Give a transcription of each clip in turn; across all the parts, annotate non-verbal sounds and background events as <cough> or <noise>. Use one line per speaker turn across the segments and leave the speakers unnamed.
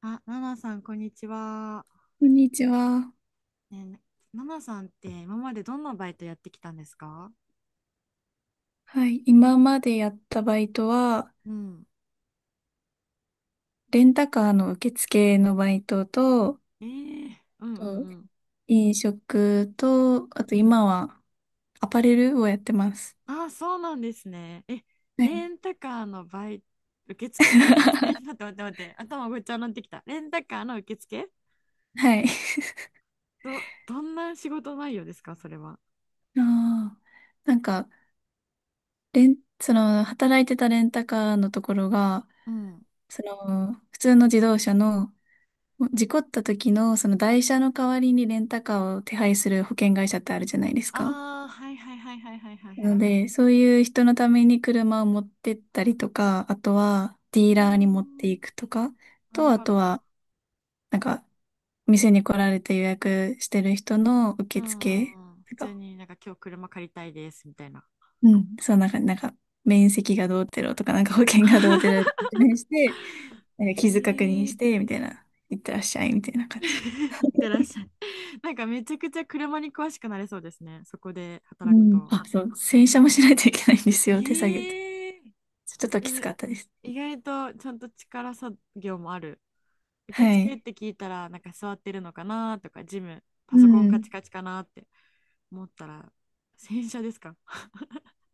あ、ナナさん、こんにちは。
こんにちは。
ねえ、ナナさんって今までどんなバイトやってきたんですか？
はい。今までやったバイトは、
うん。
レンタカーの受付のバイトと、
えーうんう
と
ん
飲食と、あと
うん。うん。
今はアパレルをやってます。
あ、そうなんですね。え、
はい。
レンタカーのバイト、受付だっけ？<laughs> 待って、頭ごっちゃになってきた。レンタカーの受付、
はい。
どんな仕事内容ですか、それは。
<laughs> あーなんか、働いてたレンタカーのところが、
うん。
普通の自動車の、事故った時の、その台車の代わりにレンタカーを手配する保険会社ってあるじゃないですか。
ああ、はいはいはいはいはいはいは
なの
い。
で、そういう人のために車を持ってったりとか、あとはデ
うー
ィーラーに持って
ん、
いくとか、
なる
あ
ほ
と
ど。
は、なんか、店に来られて予約してる人の
う
受
んう
付
んうん。普
と
通
か、
になんか今日車借りたいですみたいな。
うん、そう、面積がどうてろとか、なんか保険がどうて
<laughs>
ろって説明して、なんか傷確認
ええ。
して、みたいな、いってらっしゃい、みたいな感じ。
<laughs> 行ってらっしゃい。なんかめちゃくちゃ車に詳しくなれそうですね、そこで
う
働く
ん。
と。
あ、そう、洗車もしないといけないんですよ、手作業って。
ええ。
ちょっと
う
きつかっ
ん、
たです。
意外とちゃんと力作業もある。受
は
付っ
い。
て聞いたら、なんか座ってるのかなとか、パ
う
ソコンカ
ん。
チカチかなって思ったら、洗車ですか？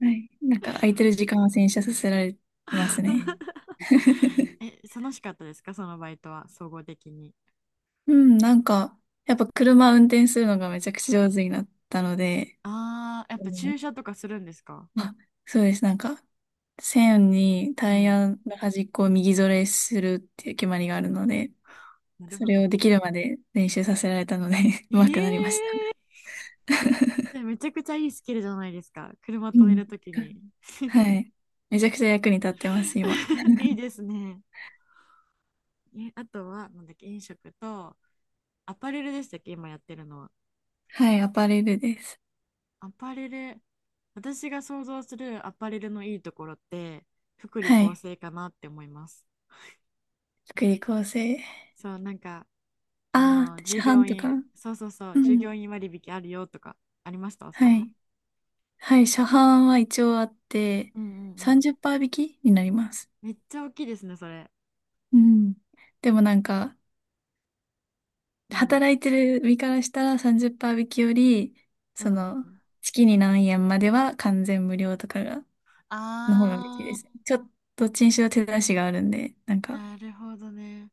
はい。なんか空いてる時間は洗車させられますね。
<laughs>
<laughs>
え、楽しかったですかそのバイトは、総合的に。
うん、やっぱ車運転するのがめちゃくちゃ上手になったので、
ああ、やっ
う
ぱ
ん、
駐車とかするんですか？
あ、そうです。なんか、線に
う
タイ
ん。
ヤの端っこを右ぞれするっていう決まりがあるので、
なる
そ
ほ
れ
ど。
をできるまで練習させられたので <laughs> 上手くなりました。
ええ、それめちゃくちゃいいスキルじゃないですか、車
う
止め
ん。
るときに。
は
<laughs>
い。めちゃくちゃ役に立ってます、今。
いいですね。え、あとは、なんだっけ、飲食と、アパレルでしたっけ、今やってるのは。
はい、アパレルです。
アパレル、私が想像するアパレルのいいところって、福利
は
厚
い。
生かなって思います。
福利厚生。
そう、なんか、あ
ああ、
の、
市
従
販
業
とか。
員、そうそうそう、
う
従業
ん。
員割引あるよとか、ありましたそういう
は
の。
い。はい。車販は一応あって、
うんうんうん。
30%引きになります。
めっちゃ大きいですね、それ。
うん。でもなんか、
うん。
働いてる身からしたら30%引きより、
う
そ
んう
の、
ん。
月に何円までは完全無料とかが、の方が嬉しいで
あ
すね。ちょっと、どっちにしろ手出しがあるんで、なん
ー、
か、
なるほどね。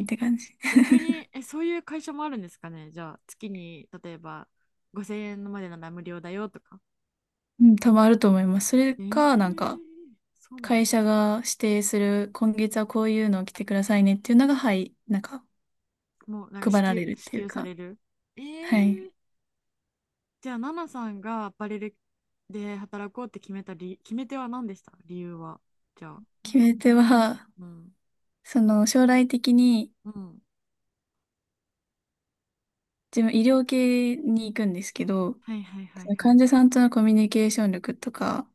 って感じ。
逆に、え、そういう会社もあるんですかねじゃあ、月に、例えば、5000円までなら無料だよとか。
うん、多分あると思います。それ
えー、
か、なんか、
そうな
会
の？
社が指定する、今月はこういうのを着てくださいねっていうのが、はい、なんか、
もう、
配られるっ
支
ていう
給さ
か、
れる？え
は
ー、
い。
じゃあ、ナナさんがアパレルで働こうって決めた決め手は何でした？理由は。じゃあ、
決め手は、
うん。
その将来的に
うん。
自分医療系に行くんですけど、
はいはいはい
その
は
患
い。
者さんとのコミュニケーション力とか、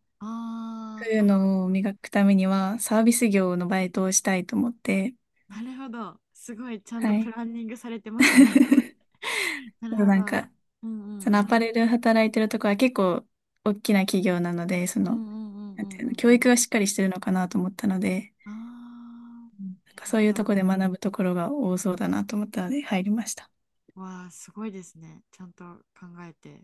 そういう
あ
のを磨くためにはサービス業のバイトをしたいと思って、
ー、なるほど。すごい、ちゃんと
は
プ
い。
ランニングされてますね。
<laughs>
<laughs> なる
でも
ほ
な
ど。
んか、
うんう
その
ん
ア
うん。
パレル働いてるとこは結構大きな企業なので、そ
うんう
の、
んうんうんうんう
なんていうの、教育
ん。
がしっかりしてるのかなと思ったので、
あ
うん、なん
あ、
か
なる
そう
ほ
いう
ど。
とこで学ぶところが多そうだなと思ったので入りました。
わあ、すごいですね。ちゃんと考えて。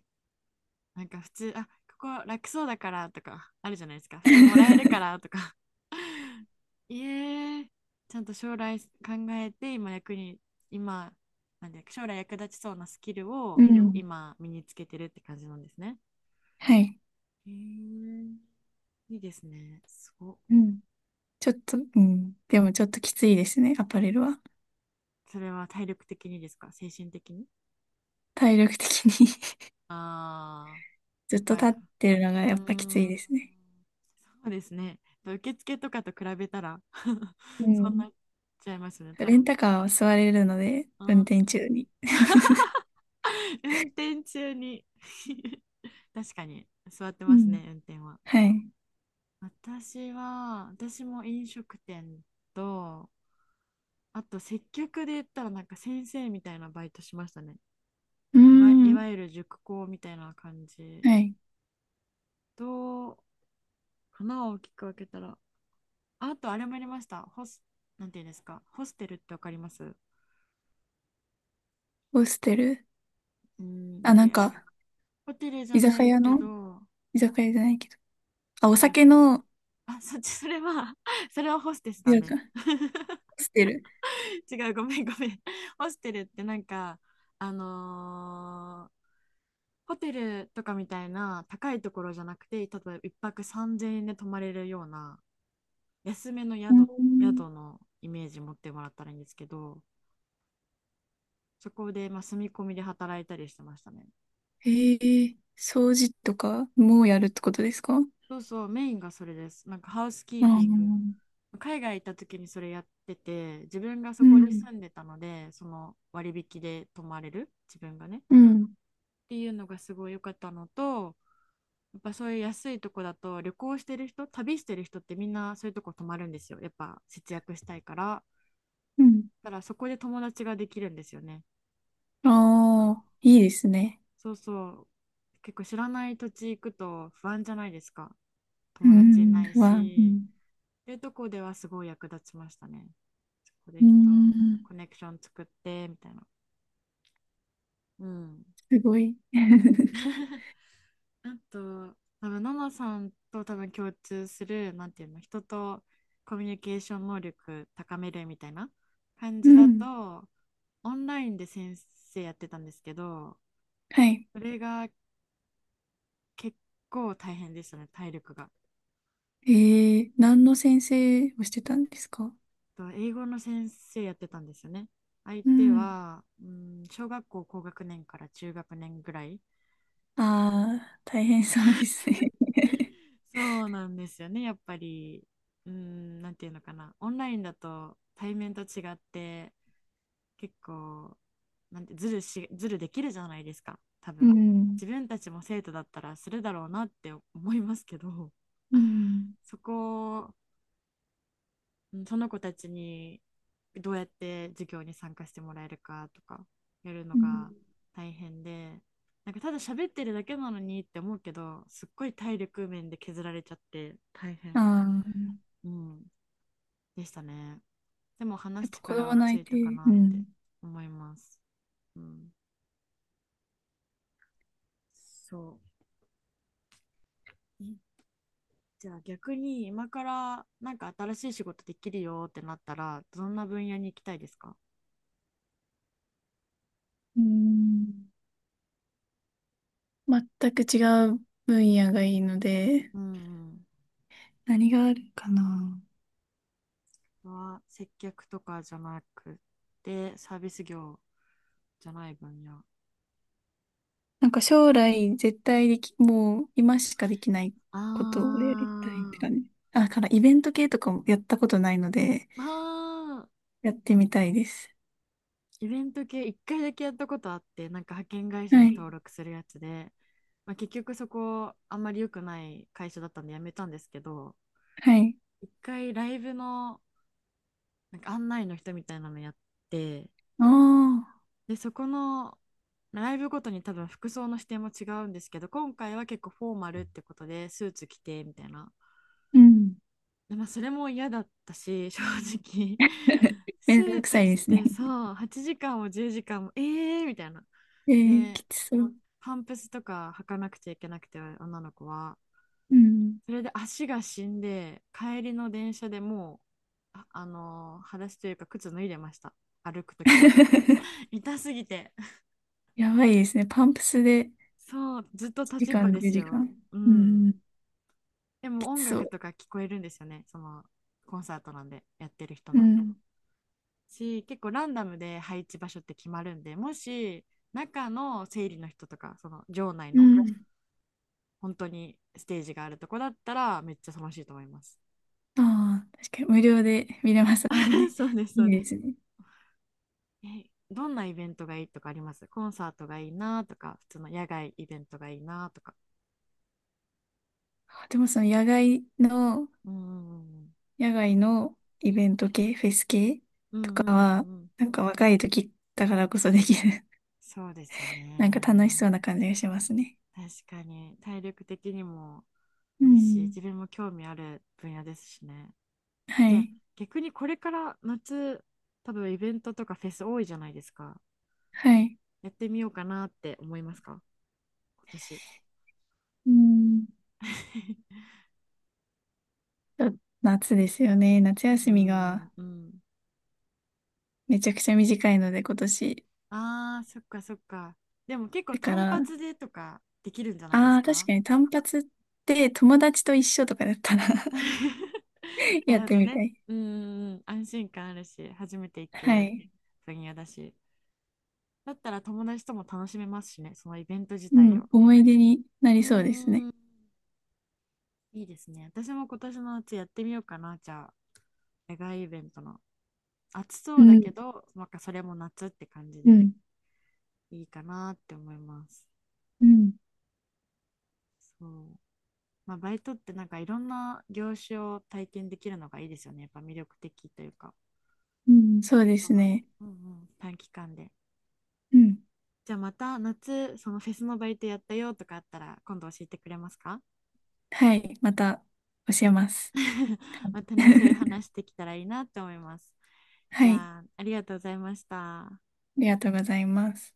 なんか普通、あ、ここ楽そうだからとかあるじゃないですか、服もらえるから
<laughs>
とか。<laughs> いえ、ちゃんと将来考えて、今役に、今、なんで、将来役立ちそうなスキル
う
を
ん。
今身につけてるって感じなんですね。
<laughs> はい。
へえ、いいですね。すごっ。
うん、ちょっと、うん。でもちょっときついですね、アパレルは。
それは体力的にですか精神的に？
体力的に。 <laughs>
ああー、
ず
や
っ
っ
と立っ
ぱ。
てるのが
うー
やっぱきつい
ん、
ですね。
そうですね。受付とかと比べたら <laughs>
う
そんな
ん。
っちゃいますね、多
レン
分。
タカーは座れるので、
う
運
ん、
転中に。<laughs>
運転中に <laughs> 確かに座って
う
ます
ん。
ね、運転は。
はい。
私も飲食店と、あと接客で言ったらなんか先生みたいなバイトしましたね。
うー
い
ん。
わゆる塾講みたいな感じ
はい。
と、花を大きく分けたら、あとあれもやりました。ホス、なんていうんですか、ホステルってわかります？
ホステル。
うん、な
あ、
んかやホテルじゃ
居
な
酒
い
屋
け
の
ど、
居酒屋じゃないけど。あ、
なん
お
ていうの
酒
か
の、
な。あ、そっち、それは <laughs> それはホステスだ
なんか、
ね。
ホステル。
違う、ごめん、ごめん。ホステルってなんか、あのーホテルとかみたいな高いところじゃなくて、例えば1泊3000円で泊まれるような安めの
うー
宿、
ん。
宿のイメージ持ってもらったらいいんですけど、そこでまあ住み込みで働いたりしてましたね。
へえ、掃除とかもやるってことですか？あ
そうそう、メインがそれです。なんかハウスキ
あ、
ーピング、
ー
海外行った時にそれやってて、自分が
う
そこに
ん。
住んでたので、その割引で泊まれる、自分がね。っ
うん。
ていうのがすごい良かったのと、やっぱそういう安いとこだと、旅してる人ってみんなそういうとこ泊まるんですよ、やっぱ節約したいから。
うん。
だからそこで友達ができるんですよね。なん
あ
か、
あ、いいですね。
そうそう。結構知らない土地行くと不安じゃないですか、
う
友達い
ん。
ない
は、う
し。
ん。
いうとこではすごい役立ちましたね。そこ
う
で人、
ん。
コネクション作ってみたいな。うん。
すごい。<laughs>
<laughs>。あと、多分、ナナさんと多分共通する、なんていうの、人とコミュニケーション能力高めるみたいな感
う
じだ
ん。
と、オンラインで先生やってたんですけど、
はい。
それが結構大変でしたね、体力が。
えー、何の先生をしてたんですか？
と英語の先生やってたんですよね。相
う
手
ん。
は、うん、小学校高学年から中学年ぐらい。
ああ、大変そうですね。<laughs>
そうなんですよね。やっぱり、うーん、なんていうのかな。オンラインだと対面と違って、結構、なんて、ずるし、ずるできるじゃないですか、多
う
分。
ん。
自分たちも生徒だったらするだろうなって思いますけど、
う
<laughs>
ん。
そこを、うんその子たちにどうやって授業に参加してもらえるかとか、やるの
うん。
が大変で、なんかただ喋ってるだけなのにって思うけど、すっごい体力面で削られちゃって大
あ
変
あ、
うんでしたね。でも話
やっ
す
ぱ子
力
供
は
の
つ
相
い
手、
たかな
う
って
ん。
思います。うん、そう。え、じゃあ逆に今からなんか新しい仕事できるよってなったらどんな分野に行きたいですか？
うん。全く違う分野がいいので、
うん
何があるかな。
うん。は接客とかじゃなくてサービス業じゃない分野。
なんか将来絶対でき、もう今しかできない
あ
ことをやりたいって
ー。
感じ。あ、だからイベント系とかもやったことないので、
あー、
やってみたいです。
イベント系一回だけやったことあってなんか派遣会社に
はい。
登録するやつで、まあ、結局そこあんまり良くない会社だったんでやめたんですけど、
はい。
一回ライブのなんか案内の人みたいなのやって、
ああ、
でそこのライブごとに多分服装の指定も違うんですけど、今回は結構フォーマルってことでスーツ着てみたいな。
うん。
で、まあ、それも嫌だったし正直。 <laughs>
<laughs> め
ス
んど
ー
く
ツ
さい
着
ですね。
てさ8時間も10時間もえーみたいな。
<laughs> えー、
で
きつそう。
パンプスとか履かなくちゃいけなくて女の子は、
うん。
それで足が死んで帰りの電車でもあのー裸足というか靴脱いでました、歩く時も
<laughs>
痛すぎて。
やばいですね。パンプスで
そうずっと
1
立ちっ
時
ぱ
間、
で
10
す
時
よ、
間。
う
うん。
ん。でも
きつ
音
そ
楽
う。
とか聞こえるんですよね、そのコンサートなんでやってる人
う
の
ん。
し、結構ランダムで配置場所って決まるんで、もし中の整理の人とかその場内
う
の
ん。
本当にステージがあるとこだったらめっちゃ楽しいと思います。
ああ、確かに無料で見れますもん
<laughs>
ね。
そうです、そ
い
う
い
で
で
す。
すね。
え、どんなイベントがいいとかあります？コンサートがいいなとか、普通の野外イベントがいいなとか。
あ、でもその
うんうん
野外のイベント系、フェス系
うんう
と
んうん
か、
うんうん。
なんか若い時だからこそできる
そうですよ
<laughs> なんか楽し
ね。
そうな感じがしますね。
確かに、体力的にも
う
いいし、
ん。
自分も興味ある分野ですしね。
は
じゃあ、
い。
逆にこれから夏、多分イベントとかフェス多いじゃないですか。
はい。
やってみようかなって思いますか今年。
うん。
<laughs>
ちょっと、夏ですよね。夏
う
休み
ん
が
うん。
めちゃくちゃ短いので今年。
ああ、そっかそっか。でも結構
だか
単
ら、
発でとかできるんじゃないで
あ
す
あ、確
か？
かに単発って友達と一緒とかだったら
<laughs>
<laughs>
な
や
る
っ
ほ
て
ど
みた
ね。
い。
うんうんうん、安心感あるし、初めて行
は
く
い。
分野だし。だったら友達とも楽しめますしね、そのイベント自
う
体
ん。
を。
思い出にな
う
り
んう
そうです
んう
ね。
ん、いいですね。私も今年の夏やってみようかな、じゃあ。野外イベントの。暑
う
そうだけ
ん。
ど、なんかそれも夏って感じ
う
で
ん。
いいかなって思います。
うん。
そう。まあ、バイトってなんかいろんな業種を体験できるのがいいですよね、やっぱ魅力的というか。
うん。そう
て
です
か、
ね。
うんうん、短期間で。
うん。
じゃあまた夏、そのフェスのバイトやったよとかあったら今度教えてくれますか？
はい。また教えます。
<laughs> またね、そういう話
<laughs>
できたらいいなって思います。じ
はい。
ゃあ、ありがとうございました。
ありがとうございます。